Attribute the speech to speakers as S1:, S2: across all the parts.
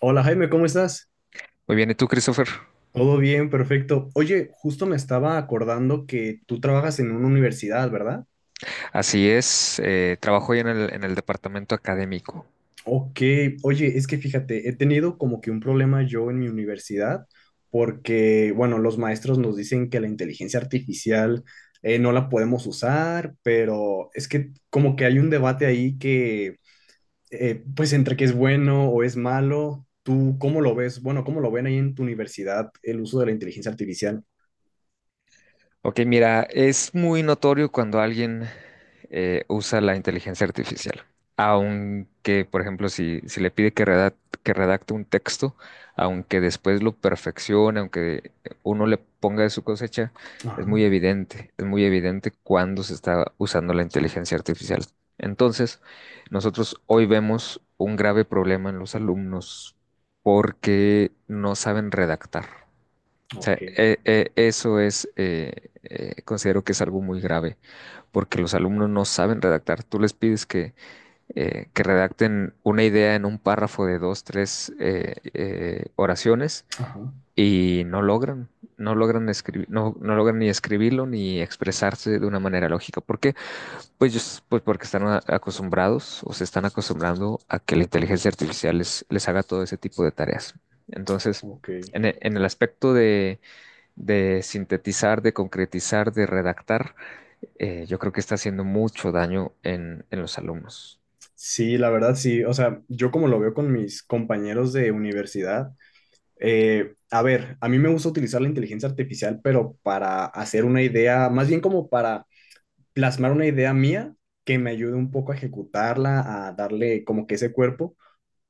S1: Hola Jaime, ¿cómo estás?
S2: Muy bien, ¿y tú, Christopher?
S1: Todo bien, perfecto. Oye, justo me estaba acordando que tú trabajas en una universidad, ¿verdad?
S2: Así es, trabajo hoy en el departamento académico.
S1: Ok, oye, es que fíjate, he tenido como que un problema yo en mi universidad porque, bueno, los maestros nos dicen que la inteligencia artificial no la podemos usar, pero es que como que hay un debate ahí que, pues entre que es bueno o es malo, ¿tú cómo lo ves? Bueno, ¿cómo lo ven ahí en tu universidad el uso de la inteligencia artificial?
S2: Ok, mira, es muy notorio cuando alguien usa la inteligencia artificial. Aunque, por ejemplo, si le pide que que redacte un texto, aunque después lo perfeccione, aunque uno le ponga de su cosecha,
S1: Ajá,
S2: es muy evidente cuando se está usando la inteligencia artificial. Entonces, nosotros hoy vemos un grave problema en los alumnos porque no saben redactar. O sea,
S1: ok.
S2: eso es, considero que es algo muy grave, porque los alumnos no saben redactar. Tú les pides que redacten una idea en un párrafo de dos, tres oraciones
S1: Ajá.
S2: y no logran, escribir, no, no logran ni escribirlo ni expresarse de una manera lógica. ¿Por qué? Pues, pues porque están acostumbrados o se están acostumbrando a que la inteligencia artificial les haga todo ese tipo de tareas. Entonces,
S1: Ok.
S2: en el aspecto de sintetizar, de concretizar, de redactar, yo creo que está haciendo mucho daño en los alumnos.
S1: Sí, la verdad sí. O sea, yo como lo veo con mis compañeros de universidad, a ver, a mí me gusta utilizar la inteligencia artificial, pero para hacer una idea, más bien como para plasmar una idea mía que me ayude un poco a ejecutarla, a darle como que ese cuerpo.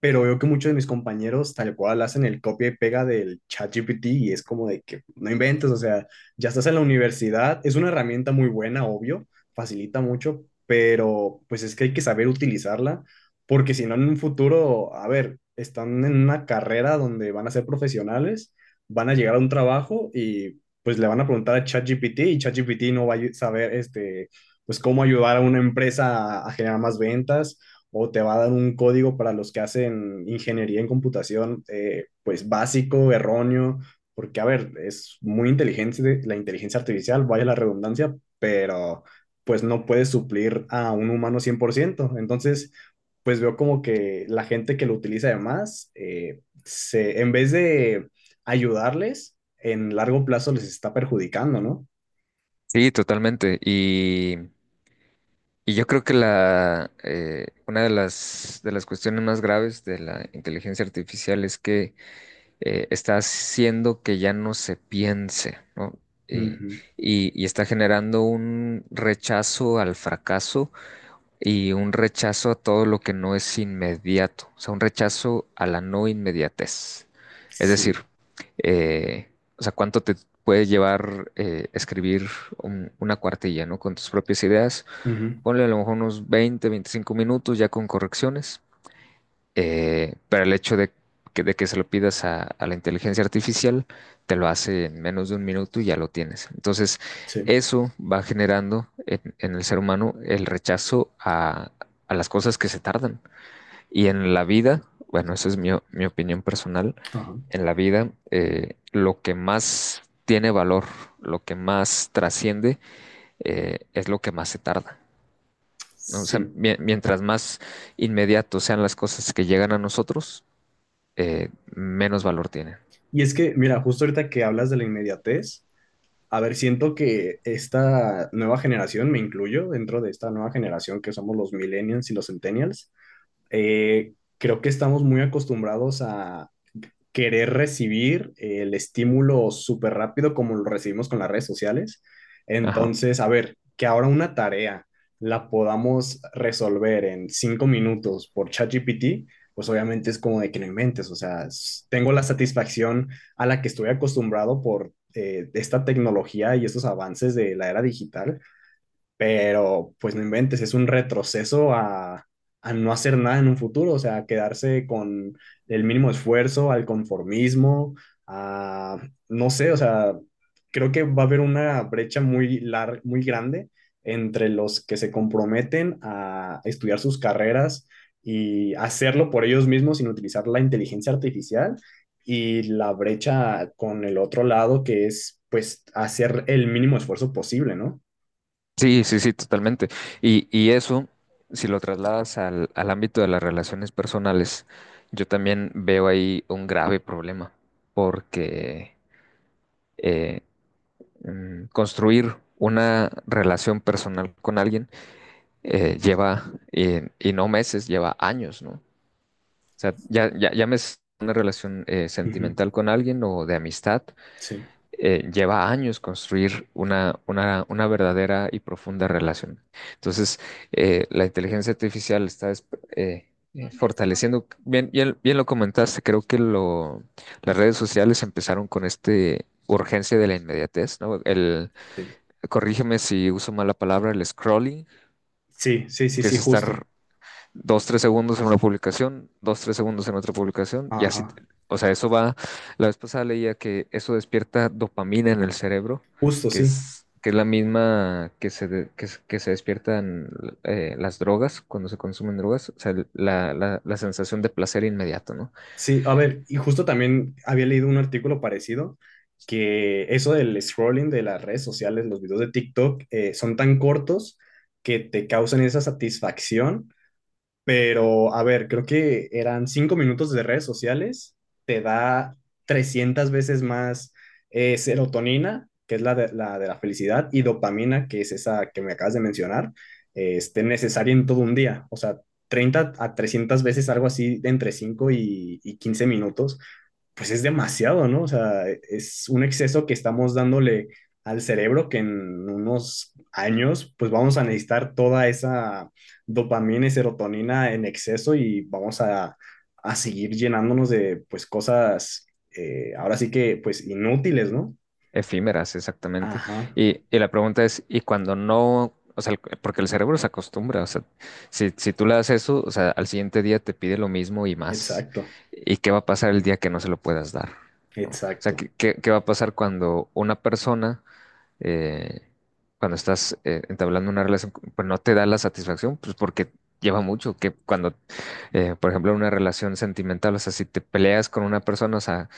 S1: Pero veo que muchos de mis compañeros tal cual hacen el copia y pega del ChatGPT y es como de que no inventes, o sea, ya estás en la universidad, es una herramienta muy buena, obvio, facilita mucho, pero pues es que hay que saber utilizarla, porque si no en un futuro, a ver, están en una carrera donde van a ser profesionales, van a llegar a un trabajo y pues le van a preguntar a ChatGPT y ChatGPT no va a saber pues cómo ayudar a una empresa a generar más ventas o te va a dar un código para los que hacen ingeniería en computación, pues básico, erróneo, porque a ver, es muy inteligente la inteligencia artificial, vaya la redundancia, pero pues no puede suplir a un humano 100%. Entonces, pues veo como que la gente que lo utiliza además, en vez de ayudarles, en largo plazo les está perjudicando, ¿no?
S2: Sí, totalmente. Y yo creo que una de las cuestiones más graves de la inteligencia artificial es que está haciendo que ya no se piense, ¿no? Y,
S1: Ujú.
S2: y está generando un rechazo al fracaso y un rechazo a todo lo que no es inmediato, o sea, un rechazo a la no inmediatez. Es decir,
S1: Sí.
S2: eh, o sea, cuánto te puede llevar escribir una cuartilla, ¿no? Con tus propias ideas.
S1: Ujú.
S2: Ponle a lo mejor unos 20-25 minutos ya con correcciones, pero el hecho de de que se lo pidas a la inteligencia artificial, te lo hace en menos de un minuto y ya lo tienes. Entonces,
S1: Sí.
S2: eso va generando en el ser humano el rechazo a las cosas que se tardan. Y en la vida, bueno, eso es mi opinión personal,
S1: Ajá.
S2: en la vida lo que más tiene valor, lo que más trasciende, es lo que más se tarda. ¿No? O sea,
S1: Sí.
S2: mientras más inmediatos sean las cosas que llegan a nosotros, menos valor tienen.
S1: Y es que, mira, justo ahorita que hablas de la inmediatez, a ver, siento que esta nueva generación, me incluyo dentro de esta nueva generación que somos los millennials y los centennials, eh, creo que estamos muy acostumbrados a querer recibir el estímulo súper rápido como lo recibimos con las redes sociales.
S2: Ajá.
S1: Entonces, a ver, que ahora una tarea la podamos resolver en 5 minutos por ChatGPT, pues obviamente es como de que no inventes, o sea, tengo la satisfacción a la que estoy acostumbrado por esta tecnología y estos avances de la era digital, pero pues no inventes, es un retroceso a no hacer nada en un futuro, o sea, quedarse con el mínimo esfuerzo, al conformismo, a, no sé, o sea, creo que va a haber una brecha muy grande entre los que se comprometen a estudiar sus carreras y hacerlo por ellos mismos sin utilizar la inteligencia artificial y la brecha con el otro lado que es pues hacer el mínimo esfuerzo posible, ¿no?
S2: Sí, sí, sí, totalmente. Y eso, si lo trasladas al ámbito de las relaciones personales, yo también veo ahí un grave problema, porque eh, construir una relación personal con alguien lleva, y no meses, lleva años, ¿no? O sea, ya me es una relación
S1: Ujú.
S2: sentimental con alguien o de amistad,
S1: Sí,
S2: lleva años construir una verdadera y profunda relación. Entonces, la inteligencia artificial está eh, fortaleciendo, bien, bien, bien lo comentaste, creo que las redes sociales empezaron con urgencia de la inmediatez, ¿no?
S1: sí,
S2: Corrígeme si uso mal la palabra, el scrolling,
S1: sí, sí, sí,
S2: que
S1: sí,
S2: es
S1: justo.
S2: estar 2-3 segundos en una publicación, 2-3 segundos en otra publicación, y así,
S1: Ajá,
S2: o sea, la vez pasada leía que eso despierta dopamina en el cerebro,
S1: justo,
S2: que
S1: sí.
S2: es, que es la misma que se despiertan las drogas cuando se consumen drogas, o sea, la sensación de placer inmediato, ¿no?
S1: Sí, a ver, y justo también había leído un artículo parecido que eso del scrolling de las redes sociales, los videos de TikTok, son tan cortos que te causan esa satisfacción. Pero, a ver, creo que eran 5 minutos de redes sociales, te da 300 veces más serotonina, que es la de la felicidad, y dopamina, que es esa que me acabas de mencionar, necesaria en todo un día. O sea, 30 a 300 veces, algo así, de entre 5 y 15 minutos pues es demasiado, ¿no? O sea, es un exceso que estamos dándole al cerebro que en unos años pues vamos a necesitar toda esa dopamina y serotonina en exceso y vamos a seguir llenándonos de pues cosas ahora sí que pues inútiles, ¿no?
S2: Efímeras, exactamente.
S1: Ajá,
S2: Y la pregunta es, ¿y cuando no, o sea, porque el cerebro se acostumbra, o sea, si tú le das eso, o sea, al siguiente día te pide lo mismo y más?
S1: exacto,
S2: ¿Y qué va a pasar el día que no se lo puedas dar? ¿No? O sea,
S1: exacto.
S2: ¿qué va a pasar cuando una persona, eh, cuando estás entablando una relación, pues no te da la satisfacción, pues porque lleva mucho, que cuando por ejemplo, una relación sentimental, o sea, si te peleas con una persona, o sea,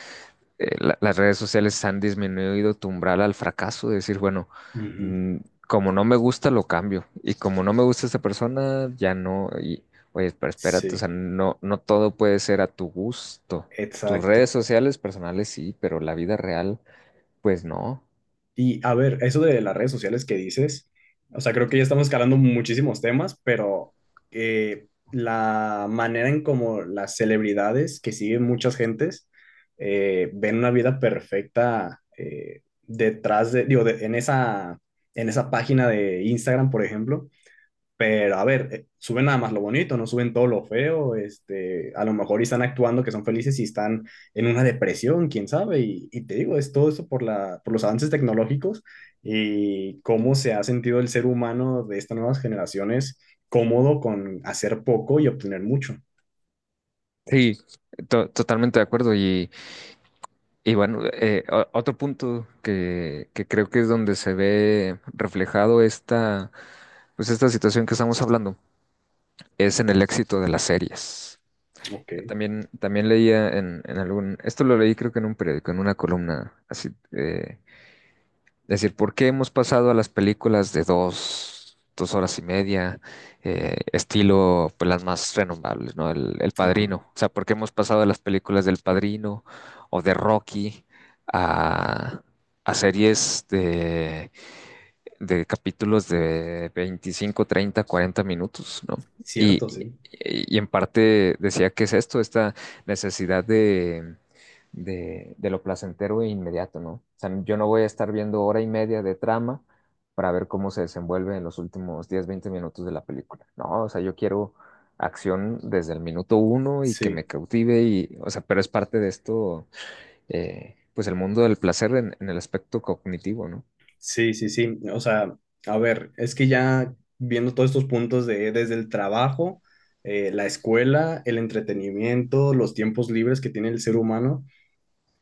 S2: las redes sociales han disminuido tu umbral al fracaso, de decir, bueno,
S1: Ujú.
S2: mm, como no me gusta, lo cambio. Y como no me gusta esta persona, ya no. Y, oye, pero espérate, o sea,
S1: Sí,
S2: no, no todo puede ser a tu gusto. Tus redes
S1: exacto.
S2: sociales personales sí, pero la vida real, pues no.
S1: Y a ver, eso de las redes sociales que dices, o sea, creo que ya estamos escalando muchísimos temas, pero la manera en como las celebridades que siguen muchas gentes ven una vida perfecta detrás de, digo, en esa página de Instagram, por ejemplo, pero a ver, suben nada más lo bonito, no suben todo lo feo, a lo mejor y están actuando que son felices y están en una depresión, quién sabe, y te digo, es todo eso por los avances tecnológicos y cómo se ha sentido el ser humano de estas nuevas generaciones cómodo con hacer poco y obtener mucho.
S2: Sí, totalmente de acuerdo. Y bueno, otro punto que creo que es donde se ve reflejado pues esta situación que estamos hablando es en el éxito de las series.
S1: Ok,
S2: Yo también leía en esto lo leí creo que en un periódico, en una columna, así, es decir, ¿por qué hemos pasado a las películas de dos horas y media, estilo pues, las más renombrables, ¿no? El
S1: ajá,
S2: Padrino. O sea, ¿por qué hemos pasado a las películas del Padrino o de Rocky a, a series de capítulos de 25-30-40 minutos, ¿no? Y,
S1: cierto,
S2: y
S1: sí,
S2: y en parte decía que es esta necesidad de lo placentero e inmediato, ¿no? O sea, yo no voy a estar viendo hora y media de trama para ver cómo se desenvuelve en los últimos 10-20 minutos de la película. No, o sea, yo quiero acción desde el minuto uno y que me
S1: sí.
S2: cautive, y, o sea, pero es parte de esto, pues el mundo del placer en el aspecto cognitivo, ¿no?
S1: Sí, sí, sí. O sea, a ver, es que ya viendo todos estos puntos de desde el trabajo, la escuela, el entretenimiento, los tiempos libres que tiene el ser humano,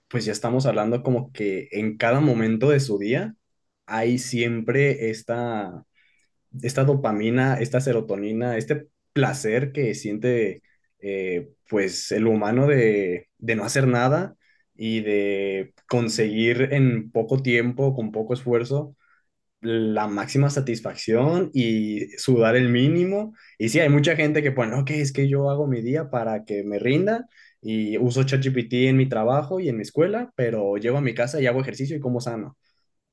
S1: pues ya estamos hablando como que en cada momento de su día hay siempre esta dopamina, esta serotonina, este placer que siente pues el humano de no hacer nada y de conseguir en poco tiempo, con poco esfuerzo la máxima satisfacción y sudar el mínimo. Y sí, hay mucha gente que pone, ok, es que yo hago mi día para que me rinda y uso ChatGPT en mi trabajo y en mi escuela, pero llego a mi casa y hago ejercicio y como sano.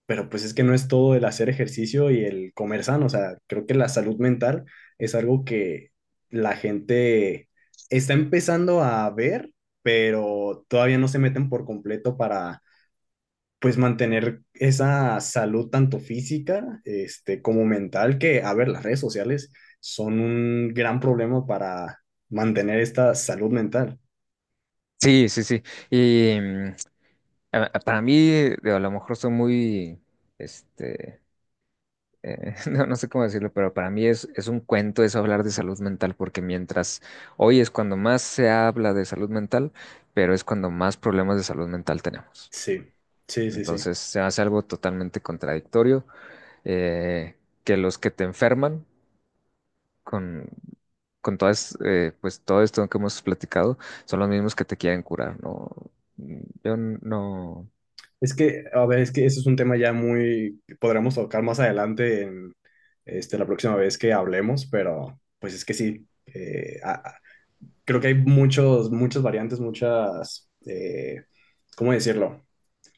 S1: Pero pues es que no es todo el hacer ejercicio y el comer sano, o sea, creo que la salud mental es algo que la gente está empezando a ver, pero todavía no se meten por completo para pues mantener esa salud tanto física como mental, que, a ver, las redes sociales son un gran problema para mantener esta salud mental.
S2: Sí, sí, sí. Y para mí, digo, a lo mejor soy muy, este, no, no sé cómo decirlo, pero para mí es un cuento eso hablar de salud mental, porque mientras hoy es cuando más se habla de salud mental, pero es cuando más problemas de salud mental tenemos.
S1: Sí, sí, sí, sí.
S2: Entonces se hace algo totalmente contradictorio, eh, que los que te enferman con, con todas, pues todo esto que hemos platicado, son los mismos que te quieren curar, ¿no? Yo no.
S1: Es que, a ver, es que eso es un tema ya que podremos tocar más adelante en la próxima vez que hablemos, pero pues es que sí, creo que hay muchas variantes, ¿cómo decirlo?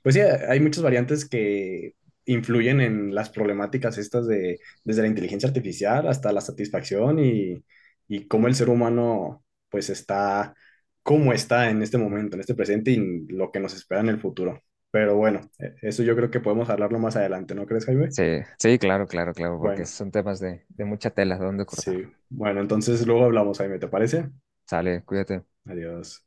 S1: Pues sí, hay muchas variantes que influyen en las problemáticas estas de desde la inteligencia artificial hasta la satisfacción y cómo el ser humano pues cómo está en este momento, en este presente y lo que nos espera en el futuro. Pero bueno, eso yo creo que podemos hablarlo más adelante, ¿no crees, Jaime?
S2: Sí, sí, claro, claro, claro, porque
S1: Bueno,
S2: son temas de mucha tela, de dónde cortar.
S1: sí. Bueno, entonces luego hablamos, Jaime, ¿te parece?
S2: Sale, cuídate.
S1: Adiós.